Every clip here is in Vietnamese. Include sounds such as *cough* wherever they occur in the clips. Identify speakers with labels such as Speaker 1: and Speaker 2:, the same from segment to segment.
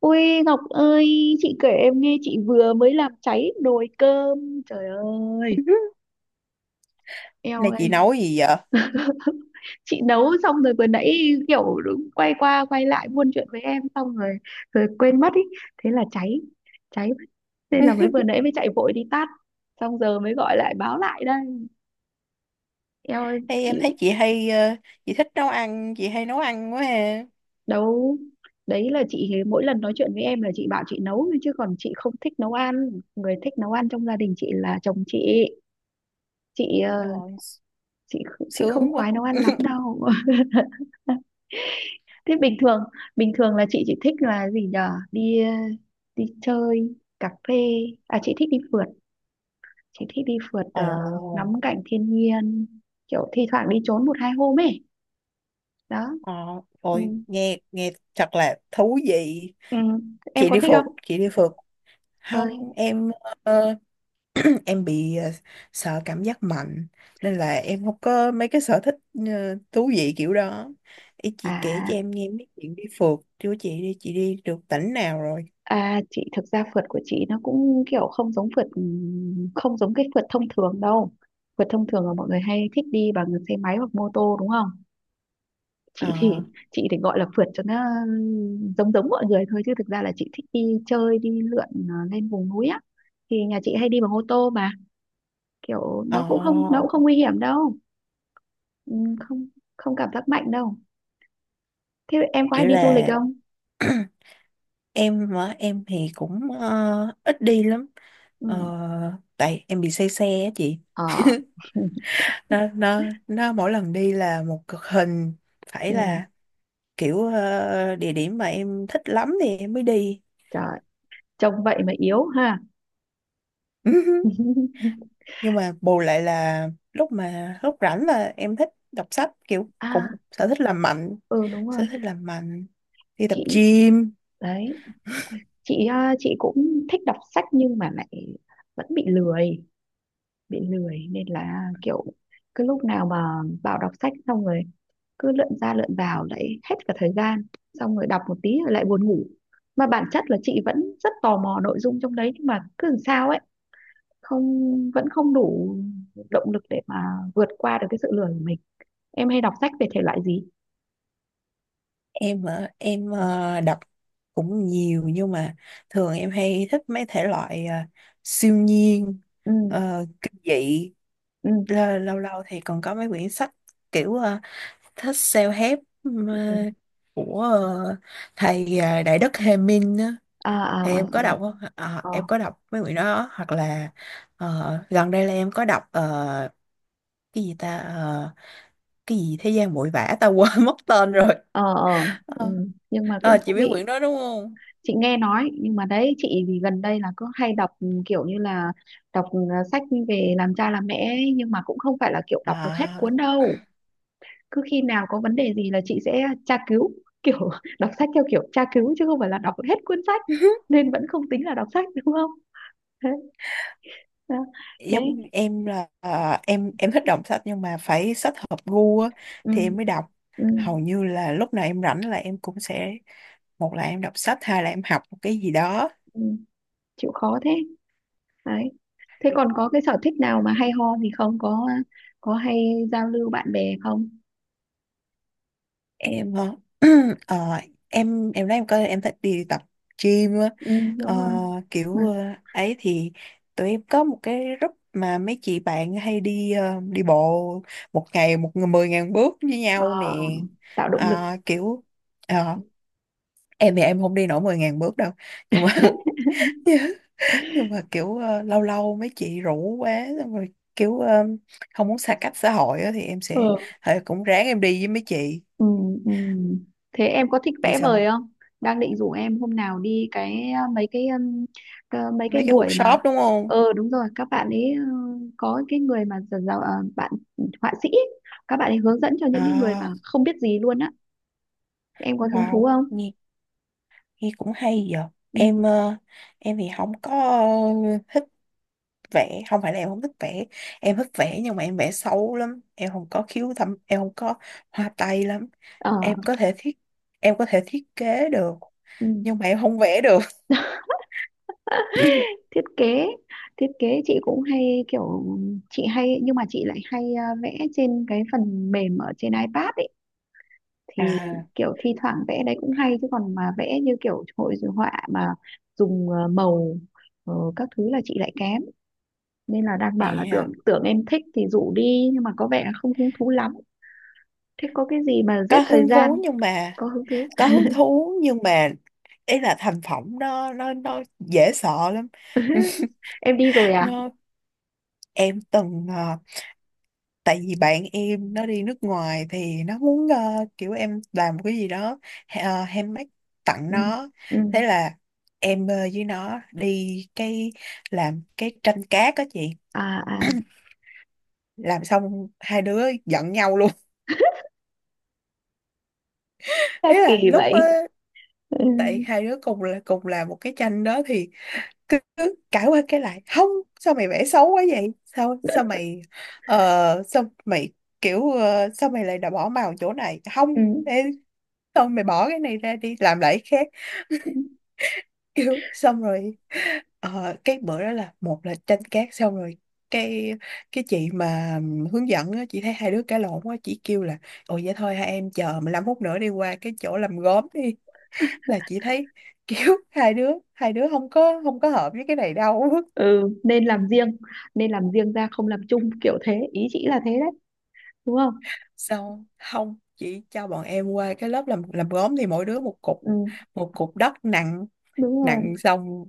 Speaker 1: Ui Ngọc ơi, chị kể em nghe chị vừa mới làm cháy nồi cơm. Trời ơi,
Speaker 2: *laughs*
Speaker 1: eo
Speaker 2: Này chị
Speaker 1: ơi.
Speaker 2: nấu gì vậy?
Speaker 1: *laughs* Chị nấu xong rồi vừa nãy kiểu đúng quay qua quay lại buôn chuyện với em xong rồi rồi quên mất ý, thế là cháy. Cháy mất. Nên là mới vừa
Speaker 2: *laughs*
Speaker 1: nãy mới chạy vội đi tắt. Xong giờ mới gọi lại báo lại đây. Eo ơi,
Speaker 2: Hay
Speaker 1: chị
Speaker 2: em thấy chị hay chị thích nấu ăn, chị hay nấu ăn quá ha.
Speaker 1: nấu. Đấy là chị mỗi lần nói chuyện với em là chị bảo chị nấu thôi chứ còn chị không thích nấu ăn. Người thích nấu ăn trong gia đình chị là chồng chị. Chị ờ,
Speaker 2: Trời,
Speaker 1: chị chị không
Speaker 2: sướng quá.
Speaker 1: khoái nấu ăn lắm
Speaker 2: *laughs*
Speaker 1: đâu. *laughs* Thế bình thường là chị chỉ thích là gì nhở, đi đi chơi, cà phê. À chị thích đi phượt, chị thích đi phượt
Speaker 2: Ồ.
Speaker 1: ờ, ngắm cảnh thiên nhiên, kiểu thi thoảng đi trốn một hai hôm ấy đó.
Speaker 2: ờ,
Speaker 1: Ừ.
Speaker 2: Rồi nghe, nghe thật là thú vị.
Speaker 1: Ừ. Em
Speaker 2: chị
Speaker 1: có
Speaker 2: đi
Speaker 1: thích
Speaker 2: phượt
Speaker 1: không?
Speaker 2: chị đi phượt
Speaker 1: Ơi.
Speaker 2: không em. ờ, *clears throat* em bị sợ cảm giác mạnh, nên là em không có mấy cái sở thích thú vị kiểu đó. Ý chị kể
Speaker 1: À
Speaker 2: cho em nghe mấy chuyện đi phượt chứ, chị đi được tỉnh nào rồi?
Speaker 1: à, chị thực ra phượt của chị nó cũng kiểu không giống phượt, ừ, không giống cái phượt thông thường đâu. Phượt thông thường là mọi người hay thích đi bằng xe máy hoặc mô tô đúng không. chị thì
Speaker 2: ờ
Speaker 1: chị thì gọi là phượt cho nó giống giống mọi người thôi chứ thực ra là chị thích đi chơi đi lượn, ờ, lên vùng núi á, thì nhà chị hay đi bằng ô tô mà, kiểu
Speaker 2: ờ
Speaker 1: nó cũng không nguy hiểm đâu. Ừ, không, không cảm giác mạnh đâu. Thế em có hay
Speaker 2: Kiểu
Speaker 1: đi du lịch
Speaker 2: là,
Speaker 1: không?
Speaker 2: *clears throat* em mà em thì cũng ít đi lắm. Ờ,
Speaker 1: Ừ.
Speaker 2: Tại em bị say xe á chị.
Speaker 1: Ờ. *laughs*
Speaker 2: Nó mỗi lần đi là một cực hình, phải
Speaker 1: Ừ.
Speaker 2: là kiểu địa điểm mà em thích lắm thì em mới đi.
Speaker 1: Trời, trông vậy mà yếu ha.
Speaker 2: *laughs*
Speaker 1: *laughs*
Speaker 2: Nhưng mà bù lại là lúc rảnh là em thích đọc sách, kiểu
Speaker 1: À,
Speaker 2: cũng sở thích làm mạnh.
Speaker 1: ừ đúng rồi.
Speaker 2: Sở thích làm mạnh, đi tập
Speaker 1: Chị.
Speaker 2: gym.
Speaker 1: Đấy. Chị, à, chị cũng thích đọc sách nhưng mà lại vẫn bị lười, bị lười nên là kiểu cứ lúc nào mà vào đọc sách xong rồi cứ lượn ra lượn vào lại hết cả thời gian, xong rồi đọc một tí rồi lại buồn ngủ, mà bản chất là chị vẫn rất tò mò nội dung trong đấy nhưng mà cứ làm sao ấy, không vẫn không đủ động lực để mà vượt qua được cái sự lười của mình. Em hay đọc sách về thể loại gì?
Speaker 2: Em hả? Em
Speaker 1: Ừ.
Speaker 2: đọc cũng nhiều, nhưng mà thường em hay thích mấy thể loại siêu nhiên,
Speaker 1: Ừ.
Speaker 2: kinh dị.
Speaker 1: Ừ.
Speaker 2: Lâu lâu thì còn có mấy quyển sách kiểu thích self-help. Ờ,
Speaker 1: Ừ.
Speaker 2: của thầy Đại Đức Hề Minh á,
Speaker 1: À, à,
Speaker 2: thì
Speaker 1: à,
Speaker 2: em
Speaker 1: à.
Speaker 2: có đọc không? Ờ,
Speaker 1: Ờ,
Speaker 2: em có đọc mấy quyển đó. Hoặc là gần đây là em có đọc, cái gì ta? Ờ, cái gì thế gian bụi vã ta, quên *laughs* mất tên rồi.
Speaker 1: ờ, ờ. Ừ.
Speaker 2: Ờ,
Speaker 1: Nhưng mà cũng
Speaker 2: chị
Speaker 1: thú
Speaker 2: biết
Speaker 1: vị.
Speaker 2: quyển đó đúng không?
Speaker 1: Chị nghe nói nhưng mà đấy, chị thì gần đây là cứ hay đọc, ừ, kiểu như là đọc sách về làm cha làm mẹ ấy, nhưng mà cũng không phải là kiểu đọc được hết
Speaker 2: À,
Speaker 1: cuốn đâu. Cứ khi nào có vấn đề gì là chị sẽ tra cứu, *laughs* kiểu đọc sách theo kiểu tra cứu chứ không phải là đọc hết cuốn sách.
Speaker 2: *laughs*
Speaker 1: Nên vẫn không tính là đọc sách đúng không. Thế à. Thế,
Speaker 2: giống em là, em thích đọc sách nhưng mà phải sách hợp gu á,
Speaker 1: ừ,
Speaker 2: thì em mới đọc.
Speaker 1: ừ,
Speaker 2: Hầu như là lúc nào em rảnh là em cũng sẽ, một là em đọc sách, hai là em học một cái gì đó.
Speaker 1: ừ, chịu khó thế. Đấy, thế còn có cái sở thích nào mà hay ho gì không? Có có hay giao lưu bạn bè không?
Speaker 2: Em *clears throat* ờ, em nói em coi, em thích đi tập gym á.
Speaker 1: Ừ, đúng
Speaker 2: Ờ,
Speaker 1: rồi.
Speaker 2: kiểu ấy thì tụi em có một cái group mà mấy chị bạn hay đi đi bộ một ngày một mười ngàn bước với nhau
Speaker 1: Ờ,
Speaker 2: nè.
Speaker 1: tạo động lực.
Speaker 2: Ờ, kiểu ờ, em thì em không đi nổi 10 ngàn bước đâu, nhưng mà *laughs* nhưng mà kiểu lâu lâu mấy chị rủ quá, xong rồi kiểu không muốn xa cách xã hội á, thì em sẽ,
Speaker 1: Ừ.
Speaker 2: thì cũng ráng em đi với mấy chị.
Speaker 1: Ừ, ừ. Thế em có thích
Speaker 2: Đi
Speaker 1: vẽ vời
Speaker 2: xong,
Speaker 1: không? Đang định rủ em hôm nào đi cái mấy cái
Speaker 2: mấy cái
Speaker 1: buổi mà,
Speaker 2: workshop đúng không?
Speaker 1: ờ đúng rồi các bạn ấy, ờ, có cái người mà bạn họa sĩ ấy, các bạn ấy hướng dẫn cho những cái người
Speaker 2: À,
Speaker 1: mà không biết gì luôn á. Em có hứng thú
Speaker 2: wow,
Speaker 1: không?
Speaker 2: nghe, nghe cũng hay giờ
Speaker 1: Ừ.
Speaker 2: em em thì không có thích vẽ, không phải là em không thích vẽ, em thích vẽ nhưng mà em vẽ xấu lắm, em không có khiếu thẩm, em không có hoa tay lắm.
Speaker 1: Ờ,
Speaker 2: em có thể thiết em có thể thiết kế được,
Speaker 1: ừ.
Speaker 2: nhưng mà em không vẽ được. *laughs*
Speaker 1: Thiết kế thiết kế chị cũng hay kiểu, chị hay nhưng mà chị lại hay vẽ trên cái phần mềm ở trên iPad ấy, thì
Speaker 2: À,
Speaker 1: kiểu thi thoảng vẽ đấy cũng hay chứ còn mà vẽ như kiểu hội họa mà dùng màu, các thứ là chị lại kém, nên là đang bảo là tưởng
Speaker 2: à,
Speaker 1: tưởng em thích thì rủ đi nhưng mà có vẻ là không hứng thú lắm. Thế có cái gì mà
Speaker 2: có
Speaker 1: giết thời
Speaker 2: hứng thú
Speaker 1: gian?
Speaker 2: nhưng mà,
Speaker 1: Có hứng thú.
Speaker 2: có hứng thú nhưng mà ý là thành phẩm nó dễ sợ lắm. *laughs*
Speaker 1: *laughs* Em đi rồi à?
Speaker 2: Nó, em từng tại vì bạn em nó đi nước ngoài thì nó muốn kiểu em làm một cái gì đó, uh, handmade, tặng
Speaker 1: Ừ.
Speaker 2: nó.
Speaker 1: Ừ.
Speaker 2: Thế là em với nó đi cái, làm cái tranh cát đó chị.
Speaker 1: À, à,
Speaker 2: *clears throat* Làm xong hai đứa giận nhau luôn. *laughs* Ý
Speaker 1: sao
Speaker 2: là
Speaker 1: kỳ
Speaker 2: lúc
Speaker 1: vậy? Ừ.
Speaker 2: tại hai đứa cùng làm một cái tranh đó thì cứ cãi qua cái lại không. Sao mày vẽ xấu quá vậy? Sao sao mày ờ, sao mày kiểu ờ, sao mày lại đã bỏ màu chỗ này không?
Speaker 1: Ừ.
Speaker 2: Ê, sao mày bỏ cái này ra đi làm lại cái khác? *laughs*
Speaker 1: Ừ.
Speaker 2: Kiểu xong rồi, cái bữa đó là, một là tranh cát xong rồi, cái cái chị mà hướng dẫn á, chị thấy hai đứa cãi lộn quá chị kêu là: ồ vậy thôi, hai em chờ 15 phút nữa, đi qua cái chỗ làm gốm đi, là chị thấy kiểu *laughs* hai đứa không có hợp với cái này đâu.
Speaker 1: Ừ, nên làm riêng, nên làm riêng ra, không làm chung, kiểu thế ý chị là thế đấy, đúng không?
Speaker 2: Sao không chị cho bọn em qua cái lớp làm gốm, thì mỗi đứa một cục,
Speaker 1: Ừ
Speaker 2: một cục đất nặng,
Speaker 1: đúng rồi.
Speaker 2: xong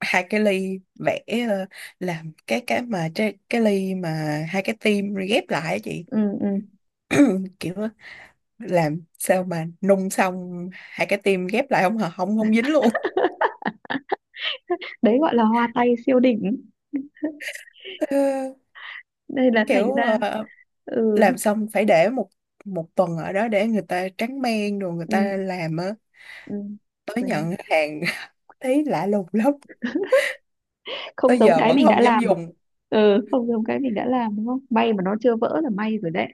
Speaker 2: hai cái ly, vẽ ờ, làm cái, cái ly mà hai cái tim ghép lại á chị.
Speaker 1: Ừ. Ừ.
Speaker 2: *clears throat* Kiểu á, làm sao mà nung xong hai cái tim ghép lại không hả, không, không dính luôn.
Speaker 1: *laughs* Đấy gọi là hoa tay siêu đỉnh.
Speaker 2: *laughs* Ờ,
Speaker 1: Đây là thành
Speaker 2: kiểu
Speaker 1: ra.
Speaker 2: ờ,
Speaker 1: Ừ.
Speaker 2: làm xong phải để một một tuần ở đó để người ta tráng men rồi người ta
Speaker 1: Ừ.
Speaker 2: làm á,
Speaker 1: Ừ.
Speaker 2: tới
Speaker 1: Quên em.
Speaker 2: nhận hàng. *laughs* Thấy lạ lùng lắm,
Speaker 1: Không
Speaker 2: tới
Speaker 1: giống
Speaker 2: giờ
Speaker 1: cái
Speaker 2: vẫn
Speaker 1: mình đã
Speaker 2: không dám
Speaker 1: làm.
Speaker 2: dùng.
Speaker 1: Ừ không giống cái mình đã làm đúng không, may mà nó chưa vỡ là may rồi đấy,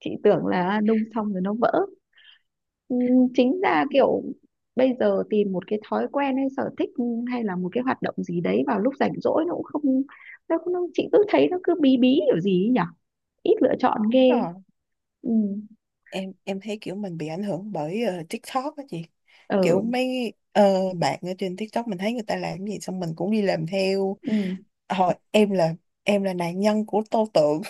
Speaker 1: chị tưởng là nung xong rồi nó vỡ. Ừ, chính ra kiểu bây giờ tìm một cái thói quen hay sở thích hay là một cái hoạt động gì đấy vào lúc rảnh rỗi nó cũng không, nó chị cứ thấy nó cứ bí bí kiểu gì ấy nhỉ, ít lựa chọn ghê.
Speaker 2: Ờ,
Speaker 1: Ừ.
Speaker 2: em thấy kiểu mình bị ảnh hưởng bởi TikTok á chị, kiểu
Speaker 1: Ừ.
Speaker 2: mấy bạn ở trên TikTok mình thấy người ta làm cái gì xong mình cũng đi làm theo.
Speaker 1: Ừ.
Speaker 2: Hồi em là Em là nạn nhân của tô tượng.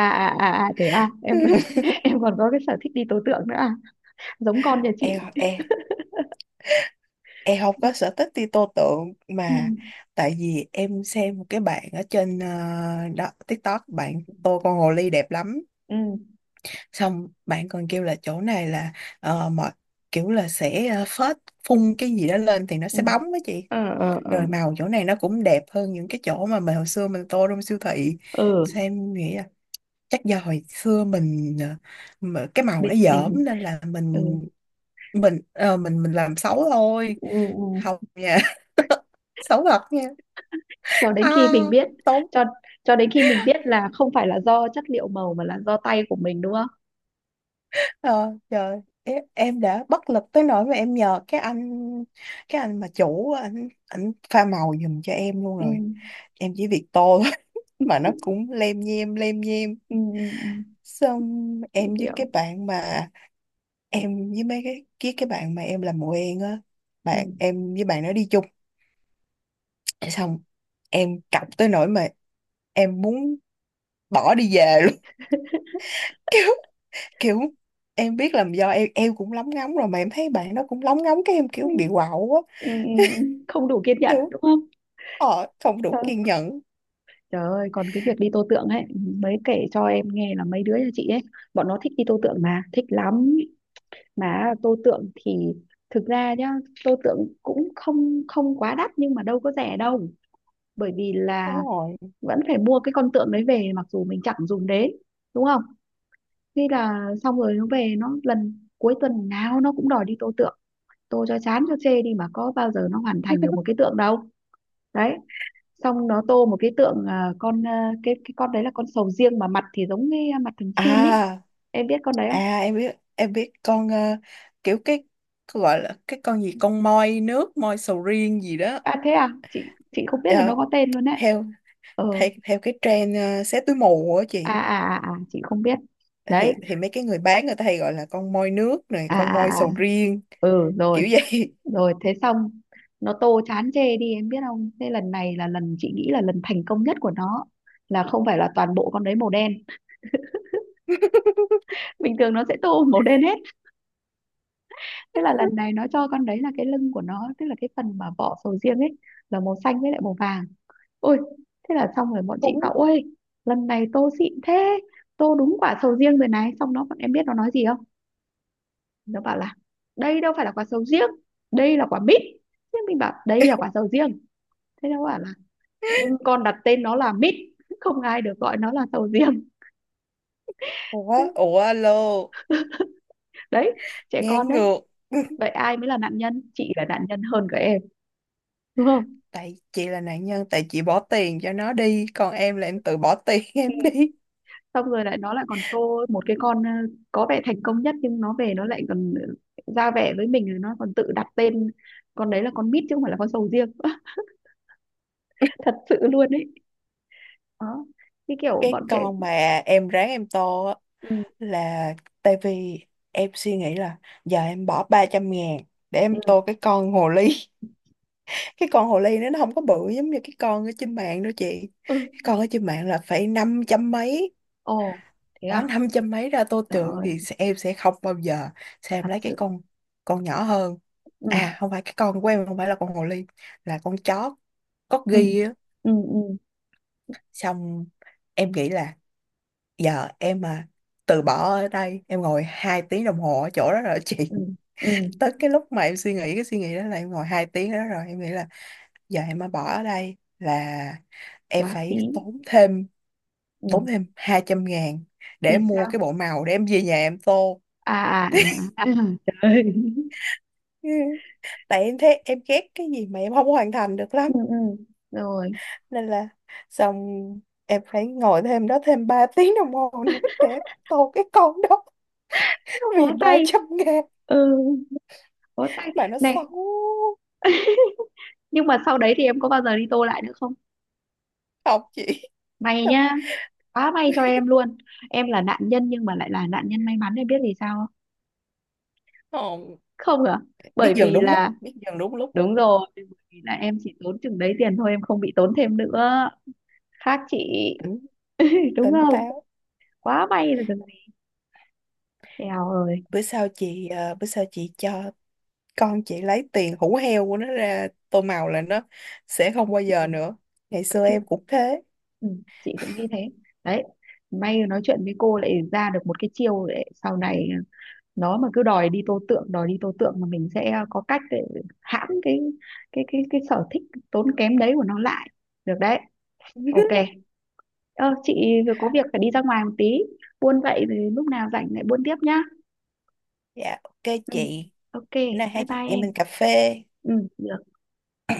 Speaker 1: À, à, à, à, thế à em. *laughs*
Speaker 2: *laughs*
Speaker 1: Em còn có cái sở thích đi tố tượng nữa à? Giống con nhà chị.
Speaker 2: Em, em không có sở thích đi tô tượng
Speaker 1: Ừ.
Speaker 2: mà, tại vì em xem một cái bạn ở trên đó TikTok, bạn tô con hồ ly đẹp lắm,
Speaker 1: Ừ.
Speaker 2: xong bạn còn kêu là chỗ này là ờ, mọi kiểu là sẽ phun cái gì đó lên thì nó
Speaker 1: Ừ.
Speaker 2: sẽ bóng đó chị,
Speaker 1: Ờ, ờ, ờ,
Speaker 2: rồi màu chỗ này nó cũng đẹp hơn những cái chỗ mà mình hồi xưa mình tô trong siêu thị.
Speaker 1: ờ.
Speaker 2: Xem, em nghĩ là chắc do hồi xưa mình mà cái màu
Speaker 1: mình
Speaker 2: nó dởm,
Speaker 1: mình
Speaker 2: nên là
Speaker 1: Ừ,
Speaker 2: mình mình làm xấu thôi.
Speaker 1: ừ, ừ.
Speaker 2: Không nha, xấu thật nha.
Speaker 1: Cho đến khi mình
Speaker 2: À,
Speaker 1: biết.
Speaker 2: tốn.
Speaker 1: Cho cho đến khi mình biết là không phải là do chất liệu màu mà là do tay của mình đúng không.
Speaker 2: Ờ, Trời, em đã bất lực tới nỗi mà em nhờ cái anh, mà chủ, anh pha màu giùm cho em luôn
Speaker 1: Ừ.
Speaker 2: rồi, em chỉ việc tô thôi. *laughs* Mà nó
Speaker 1: *laughs*
Speaker 2: cũng lem nhem lem nhem.
Speaker 1: Ừ. Ừ. Ừ.
Speaker 2: Xong
Speaker 1: Chị
Speaker 2: em với cái
Speaker 1: hiểu.
Speaker 2: bạn mà, với cái bạn mà em làm mùa en á,
Speaker 1: Ừ.
Speaker 2: bạn em với bạn nó đi chung, xong em cọc tới nỗi mà em muốn bỏ đi về luôn. *laughs* Kiểu em biết là do em cũng lóng ngóng rồi mà em thấy bạn đó cũng lóng ngóng, cái em
Speaker 1: Ừ.
Speaker 2: kiểu bị quạo quá.
Speaker 1: Ừ. Ừ. Không đủ kiên nhẫn
Speaker 2: Kiểu
Speaker 1: đúng không.
Speaker 2: không đủ
Speaker 1: Trời,
Speaker 2: kiên nhẫn,
Speaker 1: trời ơi, còn cái việc đi tô tượng ấy, mới kể cho em nghe là mấy đứa nhà chị ấy bọn nó thích đi tô tượng mà thích lắm, mà tô tượng thì thực ra nhá, tô tượng cũng không không quá đắt nhưng mà đâu có rẻ đâu, bởi vì là
Speaker 2: đúng rồi.
Speaker 1: vẫn phải mua cái con tượng đấy về mặc dù mình chẳng dùng đến, đúng không? Thế là xong rồi nó về nó lần cuối tuần nào nó cũng đòi đi tô tượng, tô cho chán cho chê đi mà có bao giờ nó hoàn thành được một cái tượng đâu. Đấy, xong nó tô một cái tượng, à, con, à, cái con đấy là con sầu riêng mà mặt thì giống cái mặt thằng xin ấy,
Speaker 2: À,
Speaker 1: em biết con đấy không?
Speaker 2: à, em biết con, kiểu cái gọi là cái con gì, con moi nước, moi sầu riêng gì đó.
Speaker 1: À thế à, chị không biết là nó
Speaker 2: Ờ,
Speaker 1: có tên luôn đấy.
Speaker 2: theo
Speaker 1: Ờ.
Speaker 2: theo theo cái trend, xé túi mù á
Speaker 1: À,
Speaker 2: chị,
Speaker 1: à, à, à, chị không biết. Đấy.
Speaker 2: thì mấy cái người bán người ta hay gọi là con moi nước này,
Speaker 1: À,
Speaker 2: con
Speaker 1: à, à,
Speaker 2: moi
Speaker 1: à.
Speaker 2: sầu riêng
Speaker 1: Ừ rồi.
Speaker 2: kiểu vậy.
Speaker 1: Rồi thế xong nó tô chán chê đi em biết không, thế lần này là lần chị nghĩ là lần thành công nhất của nó, là không phải là toàn bộ con đấy màu đen,
Speaker 2: *laughs*
Speaker 1: bình thường nó sẽ tô *laughs* màu đen hết. Thế là lần này nó cho con đấy là cái lưng của nó tức là cái phần mà vỏ sầu riêng ấy là màu xanh với lại màu vàng. Ôi, thế là xong rồi bọn chị
Speaker 2: Cũng.
Speaker 1: bảo ôi lần này tô xịn thế, tô đúng quả sầu riêng rồi này, xong nó, bọn em biết nó nói gì không, nó bảo là đây đâu phải là quả sầu riêng, đây là quả mít. Thế mình bảo đây là quả sầu riêng, thế nó bảo là nhưng con đặt tên nó là mít, không ai được gọi nó là sầu riêng.
Speaker 2: Ủa,
Speaker 1: *laughs*
Speaker 2: ủa, alo.
Speaker 1: Đấy, trẻ
Speaker 2: Ngang
Speaker 1: con đấy.
Speaker 2: ngược.
Speaker 1: Vậy
Speaker 2: *laughs*
Speaker 1: ai mới là nạn nhân, chị là nạn nhân hơn cả em, đúng không?
Speaker 2: Tại chị là nạn nhân, tại chị bỏ tiền cho nó đi, còn em là em tự bỏ tiền *laughs*
Speaker 1: Ừ.
Speaker 2: em đi.
Speaker 1: Xong rồi lại nó lại còn tô một cái con, có vẻ thành công nhất nhưng nó về nó lại còn ra vẻ với mình rồi nó còn tự đặt tên con đấy là con mít chứ không phải là con sầu riêng. *laughs* Thật sự luôn đấy. Đó, cái kiểu
Speaker 2: Cái
Speaker 1: bọn trẻ.
Speaker 2: con mà em ráng em tô á,
Speaker 1: Ừ,
Speaker 2: là tại vì em suy nghĩ là giờ em bỏ 300 ngàn để
Speaker 1: ừ,
Speaker 2: em tô cái con hồ ly. *laughs* Cái con hồ ly nó không có bự giống như cái con ở trên mạng đâu chị,
Speaker 1: ừ.
Speaker 2: cái con ở trên mạng là phải 500 mấy.
Speaker 1: Ồ, thế
Speaker 2: Bỏ
Speaker 1: à?
Speaker 2: năm trăm mấy ra tô
Speaker 1: Trời
Speaker 2: tượng
Speaker 1: ơi,
Speaker 2: thì em sẽ không bao giờ, sao em
Speaker 1: thật
Speaker 2: lấy cái
Speaker 1: sự.
Speaker 2: con nhỏ hơn.
Speaker 1: Ừ,
Speaker 2: À không phải, cái con của em không phải là con hồ ly, là con chó
Speaker 1: ừ,
Speaker 2: corgi á.
Speaker 1: ừ, ừ,
Speaker 2: Xong em nghĩ là giờ em mà từ bỏ ở đây em ngồi hai tiếng đồng hồ ở chỗ đó rồi *laughs* chị,
Speaker 1: ừ, ừ,
Speaker 2: tới cái lúc mà em suy nghĩ cái suy nghĩ đó là em ngồi hai tiếng ở đó rồi, em nghĩ là giờ em mà bỏ ở đây là em
Speaker 1: quá
Speaker 2: phải
Speaker 1: phí.
Speaker 2: tốn thêm,
Speaker 1: Ừ,
Speaker 2: hai trăm ngàn để
Speaker 1: vì
Speaker 2: mua
Speaker 1: sao?
Speaker 2: cái bộ màu để em về nhà em tô,
Speaker 1: À, à, à, à, *laughs* trời ơi.
Speaker 2: tại em thấy em ghét cái gì mà em không hoàn thành được
Speaker 1: Ừ,
Speaker 2: lắm.
Speaker 1: ừ, rồi.
Speaker 2: Nên là xong em phải ngồi thêm đó thêm 3 *laughs* tiếng đồng hồ nữa để em tô cái con đó,
Speaker 1: Thế mà bó
Speaker 2: vì ba
Speaker 1: tay.
Speaker 2: trăm ngàn
Speaker 1: Ừ, bó tay.
Speaker 2: mà nó
Speaker 1: Này,
Speaker 2: xấu.
Speaker 1: nhưng mà sau đấy thì em có bao giờ đi tô lại nữa không?
Speaker 2: Học chị.
Speaker 1: May
Speaker 2: Xong,
Speaker 1: nhá, quá may cho em luôn. Em là nạn nhân nhưng mà lại là nạn nhân may mắn, em biết vì sao không?
Speaker 2: không.
Speaker 1: Không à?
Speaker 2: Biết
Speaker 1: Bởi
Speaker 2: dừng
Speaker 1: vì
Speaker 2: đúng lúc,
Speaker 1: là,
Speaker 2: biết dừng đúng lúc.
Speaker 1: đúng rồi, bởi vì là em chỉ tốn chừng đấy tiền thôi, em không bị tốn thêm nữa. Khác chị.
Speaker 2: Tỉnh
Speaker 1: Đúng
Speaker 2: Tỉnh
Speaker 1: không?
Speaker 2: táo.
Speaker 1: Quá may là được gì. Eo ơi.
Speaker 2: Bữa sau chị cho con chị lấy tiền hủ heo của nó ra tô màu là nó sẽ không bao
Speaker 1: Ừ,
Speaker 2: giờ nữa. Ngày xưa
Speaker 1: chị.
Speaker 2: em cũng thế.
Speaker 1: Ừ, chị cũng nghĩ thế. Đấy, may nói chuyện với cô lại ra được một cái chiêu để sau này, ờ, nó mà cứ đòi đi tô tượng đòi đi tô tượng mà mình sẽ có cách để hãm cái, cái sở thích tốn kém đấy của nó lại, được đấy. OK,
Speaker 2: *laughs*
Speaker 1: ờ, chị vừa có việc phải đi ra ngoài một tí, buôn vậy thì lúc nào rảnh lại buôn tiếp nhá.
Speaker 2: Dạ ok
Speaker 1: Ừ.
Speaker 2: chị.
Speaker 1: OK,
Speaker 2: Bữa nay
Speaker 1: bye
Speaker 2: hai chị
Speaker 1: bye
Speaker 2: em
Speaker 1: em.
Speaker 2: mình cà phê.
Speaker 1: Ừ được.